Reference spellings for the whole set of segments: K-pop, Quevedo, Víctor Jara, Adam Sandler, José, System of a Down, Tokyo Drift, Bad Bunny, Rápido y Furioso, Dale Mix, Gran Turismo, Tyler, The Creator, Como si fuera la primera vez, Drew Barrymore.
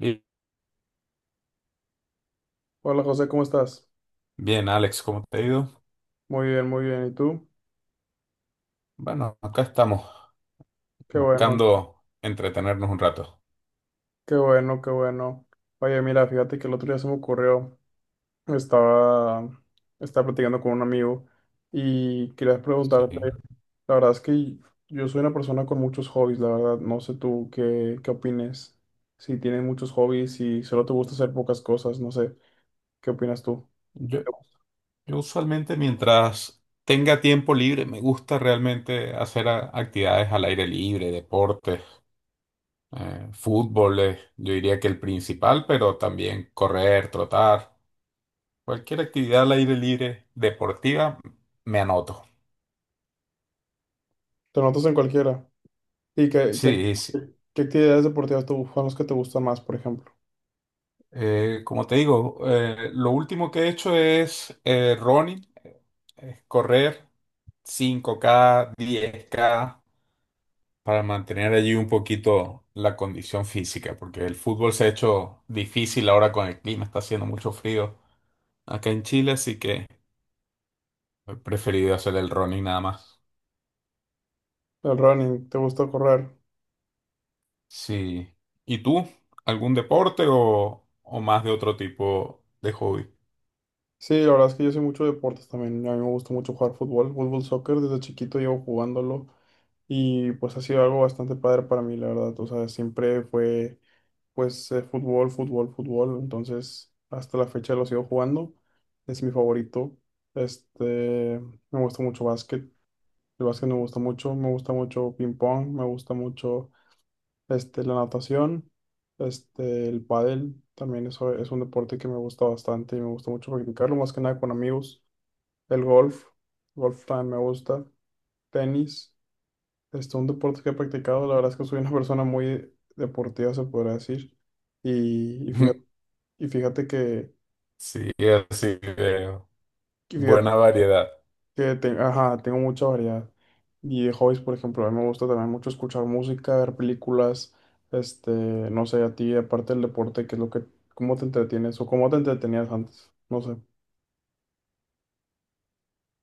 Bi- Hola José, ¿cómo estás? Bien, Alex, ¿cómo te ha ido? Muy bien, muy bien. ¿Y tú? Bueno, acá estamos Qué bueno, buscando entretenernos un rato. qué bueno, qué bueno. Oye, mira, fíjate que el otro día se me ocurrió, estaba, estaba platicando con un amigo y quería Sí. preguntarte, la verdad es que yo soy una persona con muchos hobbies, la verdad, no sé tú qué opines, si tienes muchos hobbies, y solo te gusta hacer pocas cosas, no sé, ¿qué opinas tú? ¿Qué Yo, ¿Te gusta? yo usualmente mientras tenga tiempo libre me gusta realmente hacer actividades al aire libre, deportes, fútbol, yo diría que el principal, pero también correr, trotar, cualquier actividad al aire libre deportiva me anoto. ¿Te notas en cualquiera? ¿Y Sí, sí. qué actividades deportivas son las que te gustan más, por ejemplo? Como te digo, lo último que he hecho es running, es correr 5K, 10K, para mantener allí un poquito la condición física, porque el fútbol se ha hecho difícil ahora con el clima, está haciendo mucho frío acá en Chile, así que he preferido hacer el running nada más. El running, ¿te gusta correr? Sí. ¿Y tú? ¿Algún deporte o más de otro tipo de hobby? Sí, la verdad es que yo soy mucho de deportes también. A mí me gusta mucho jugar fútbol, soccer. Desde chiquito llevo jugándolo y pues ha sido algo bastante padre para mí, la verdad. O sea, siempre fue pues fútbol. Entonces, hasta la fecha lo sigo jugando. Es mi favorito. Este, me gusta mucho básquet. El básquet me gusta mucho. Me gusta mucho ping pong. Me gusta mucho la natación. El pádel. También eso es un deporte que me gusta bastante y me gusta mucho practicarlo, más que nada con amigos. El golf, golf también me gusta. Tenis, un deporte que he practicado. La verdad es que soy una persona muy deportiva, se podría decir. Y, y fíjate, y fíjate que, Sí, así que y fíjate buena variedad. que te- ajá, tengo mucha variedad. Y de hobbies, por ejemplo, a mí me gusta también mucho escuchar música, ver películas. No sé, a ti, aparte del deporte, ¿qué es lo que, ¿cómo te entretienes o cómo te entretenías antes? No sé.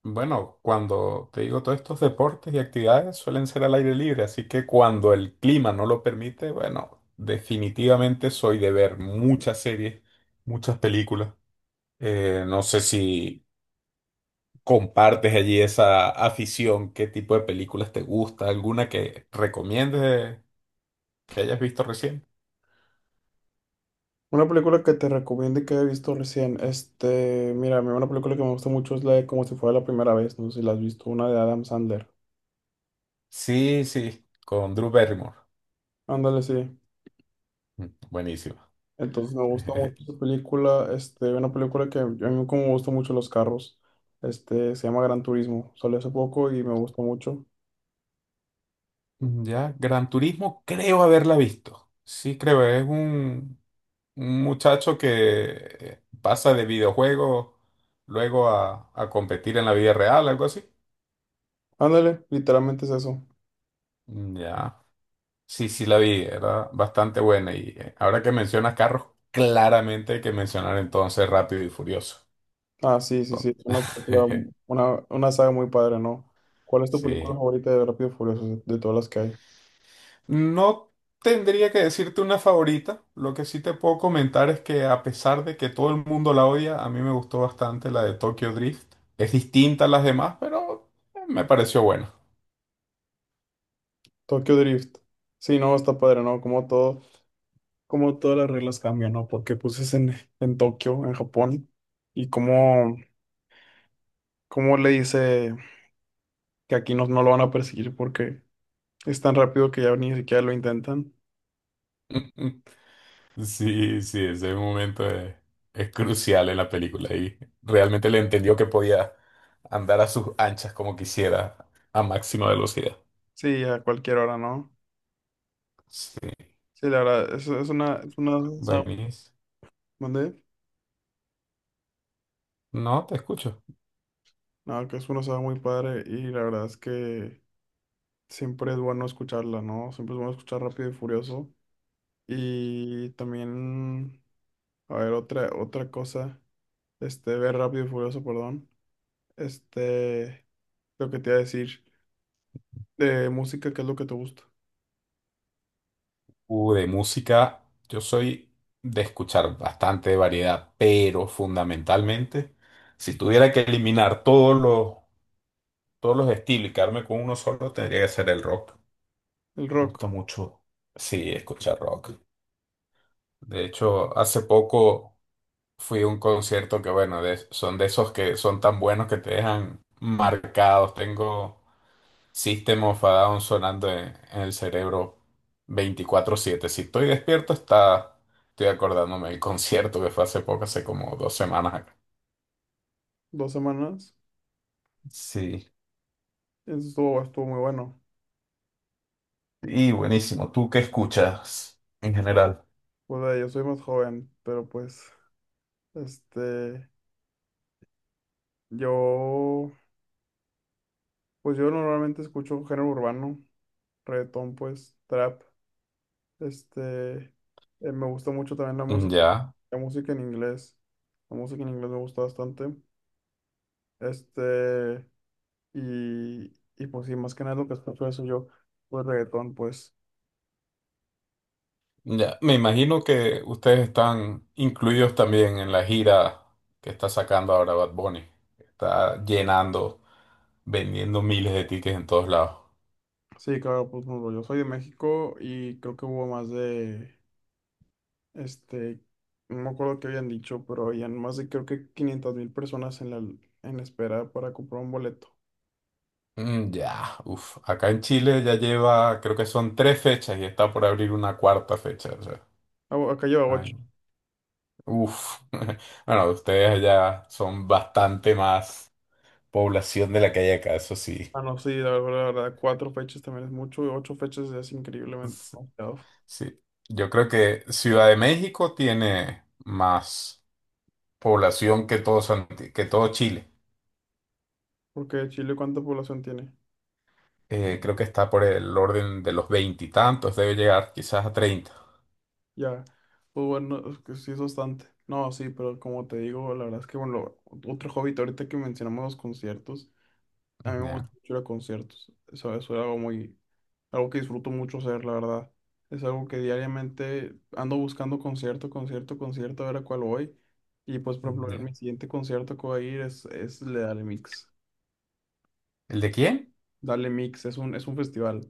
Bueno, cuando te digo todos estos deportes y actividades suelen ser al aire libre, así que cuando el clima no lo permite, bueno, definitivamente soy de ver muchas series, muchas películas. No sé si compartes allí esa afición, qué tipo de películas te gusta, alguna que recomiendes que hayas visto recién. Una película que te recomiende que he visto recién. Mira, a mí una película que me gusta mucho es la de Como si fuera la primera vez. No sé si la has visto, una de Adam Sandler. Sí, sí, con Drew Barrymore. Ándale, sí. Mm, buenísimo. Entonces me gusta mucho esa película. Una película que a mí como me gustan mucho los carros. Se llama Gran Turismo. Salió hace poco y me gustó mucho. Ya, Gran Turismo creo haberla visto. Sí, creo, es un... un muchacho que pasa de videojuego luego a competir en la vida real, algo así. Ándale, literalmente es eso. Mm, ya. Sí, sí la vi, era bastante buena. Y ahora que mencionas carros, claramente hay que mencionar entonces Rápido y Furioso. Ah, sí, sí, sí. Con- Es una película, una, una saga muy padre, ¿no? ¿Cuál es tu película Sí. favorita de Rápido y Furioso de todas las que hay? No tendría que decirte una favorita. Lo que sí te puedo comentar es que a pesar de que todo el mundo la odia, a mí me gustó bastante la de Tokyo Drift. Es distinta a las demás, pero me pareció buena. Tokyo Drift. Sí, no, está padre, ¿no? Como todo. Cómo todas las reglas cambian, ¿no? Porque pues es en Tokio, en Japón, y cómo, cómo le dice que aquí no lo van a perseguir porque es tan rápido que ya ni siquiera lo intentan. Sí, sí, ese momento es crucial en la película y realmente le entendió que podía andar a sus anchas como quisiera a máxima velocidad. Sí, a cualquier hora, ¿no? Sí, Sí, la verdad, es una saga, buenísimo. ¿mande? No, te escucho. No, que es una saga muy padre y la verdad es que siempre es bueno escucharla, ¿no? Siempre es bueno escuchar Rápido y Furioso. Y también, a ver, otra cosa, ver Rápido y Furioso, perdón. Este, Lo que te iba a decir de música, ¿qué es lo que te gusta? De música, yo soy de escuchar bastante variedad, pero fundamentalmente, si tuviera que eliminar todos los estilos y quedarme con uno solo, tendría que ser el rock. El Me rock, gusta mucho, sí, escuchar rock. De hecho, hace poco... fui a un concierto que, bueno, son de esos que son tan buenos que te dejan marcados. Tengo System of a Down sonando en el cerebro 24/7. Si estoy despierto, estoy acordándome del concierto que fue hace poco, hace como dos semanas acá. dos semanas, Sí, estuvo muy bueno. y buenísimo. ¿Tú qué escuchas en general? Pues yo soy más joven, pero este, yo, pues yo normalmente escucho género urbano, trap, este, Me gusta mucho también Ya, la música en inglés, la música en inglés me gusta bastante, este, y, y pues sí, más que nada lo que escucho eso yo, pues reggaetón, pues. ya. Me imagino que ustedes están incluidos también en la gira que está sacando ahora Bad Bunny. Está llenando, vendiendo miles de tickets en todos lados. Sí, claro, pues por ejemplo, yo soy de México y creo que hubo más de, este, no me acuerdo qué habían dicho, pero habían más de creo que 500 mil personas en en la espera para comprar un boleto. Mm, ya, uff. Acá en Chile ya lleva, creo que son tres fechas y está por abrir una cuarta fecha. O sea, Ah, bu- acá lleva ay, ocho. uf. Bueno, ustedes allá son bastante más población de la que hay acá, eso sí. Ah, no, sí, la verdad, cuatro fechas también es mucho, y ocho fechas es increíblemente demasiado. Sí. Yo creo que Ciudad de México tiene más población que todo, que todo Chile. Porque Chile, ¿cuánta población tiene? Creo que está por el orden de los 20 y tantos, debe llegar quizás a 30. Ya, pues bueno, es que sí es bastante. No, sí, pero como te digo, la verdad es que, bueno, otro hobby, ahorita que mencionamos los conciertos, a mí me Ya, gusta mucho ir a conciertos, eso era algo muy algo que disfruto mucho hacer, la verdad. Es algo que diariamente ando buscando concierto, a ver a cuál voy. Y pues, por ejemplo, el- ya. mi siguiente concierto que voy a ir es el de Dale Mix. ¿El de quién? Es un festival.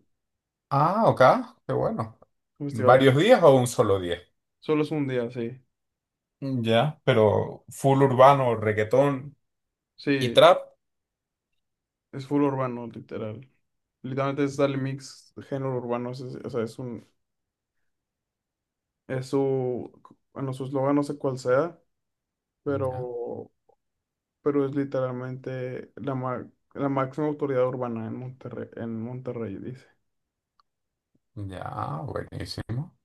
Ah, ok, qué bueno. Un festival, aquí. ¿Varios días o un solo día? Solo es un día, sí. Ya, pero full urbano, reggaetón y Sí, trap. es full urbano, literal. Literalmente es Dale Mix, género urbano. O sea, es un, es su, bueno, su eslogan no sé cuál sea, Ya, pero pero es literalmente la máxima autoridad urbana en en Monterrey, dice. ya, buenísimo.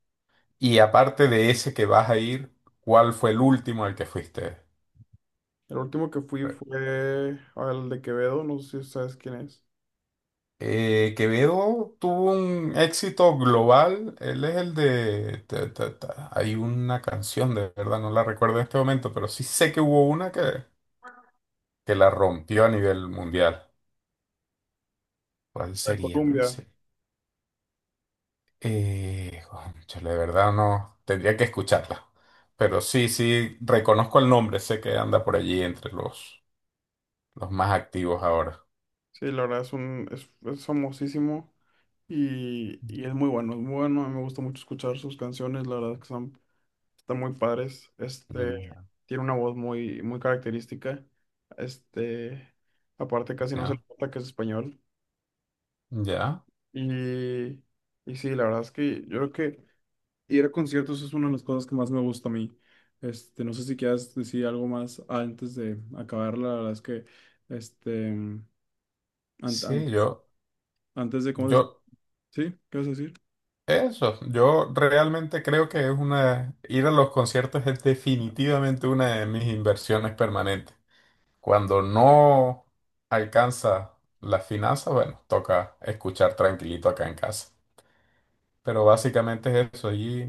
Y aparte de ese que vas a ir, ¿cuál fue el último al que fuiste? El último que fui fue al de Quevedo, no sé si sabes quién es, Quevedo tuvo un éxito global. Él es el de... ta, ta, ta. Hay una canción, de verdad, no la recuerdo en este momento, pero sí sé que hubo una que la rompió a nivel mundial. ¿Cuál de sería? Colombia. Cónchale, de verdad no, tendría que escucharla. Pero sí, sí, reconozco el nombre, sé que anda por allí entre los más activos ahora. Sí, la verdad es famosísimo y es muy bueno, a mí me gusta mucho escuchar sus canciones, la verdad que son, están muy padres. Mm, Tiene una voz muy característica. Este, aparte casi no se le ya, nota que es español. ya. Y, y sí, la verdad es que yo creo que ir a conciertos es una de las cosas que más me gusta a mí. No sé si quieras decir algo más antes de acabar. La verdad es que, este, an- an- Sí, yo, antes de, ¿cómo se dice? yo, ¿Sí? ¿Qué vas a decir? Yo realmente creo que es una, ir a los conciertos es definitivamente una de mis inversiones permanentes. Cuando no alcanza las finanzas, bueno, toca escuchar tranquilito acá en casa. Pero básicamente es eso, allí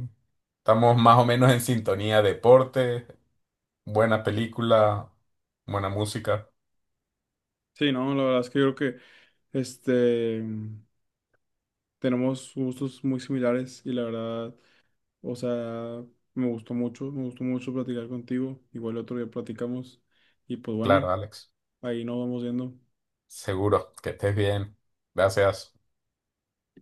estamos más o menos en sintonía, deporte, buena película, buena música. Sí, no, la verdad es que yo creo que, este, tenemos gustos muy similares y la verdad, o sea, me gustó mucho platicar contigo. Igual el otro día platicamos y pues bueno, Claro, Alex, ahí nos vamos viendo. seguro que estés bien. Gracias.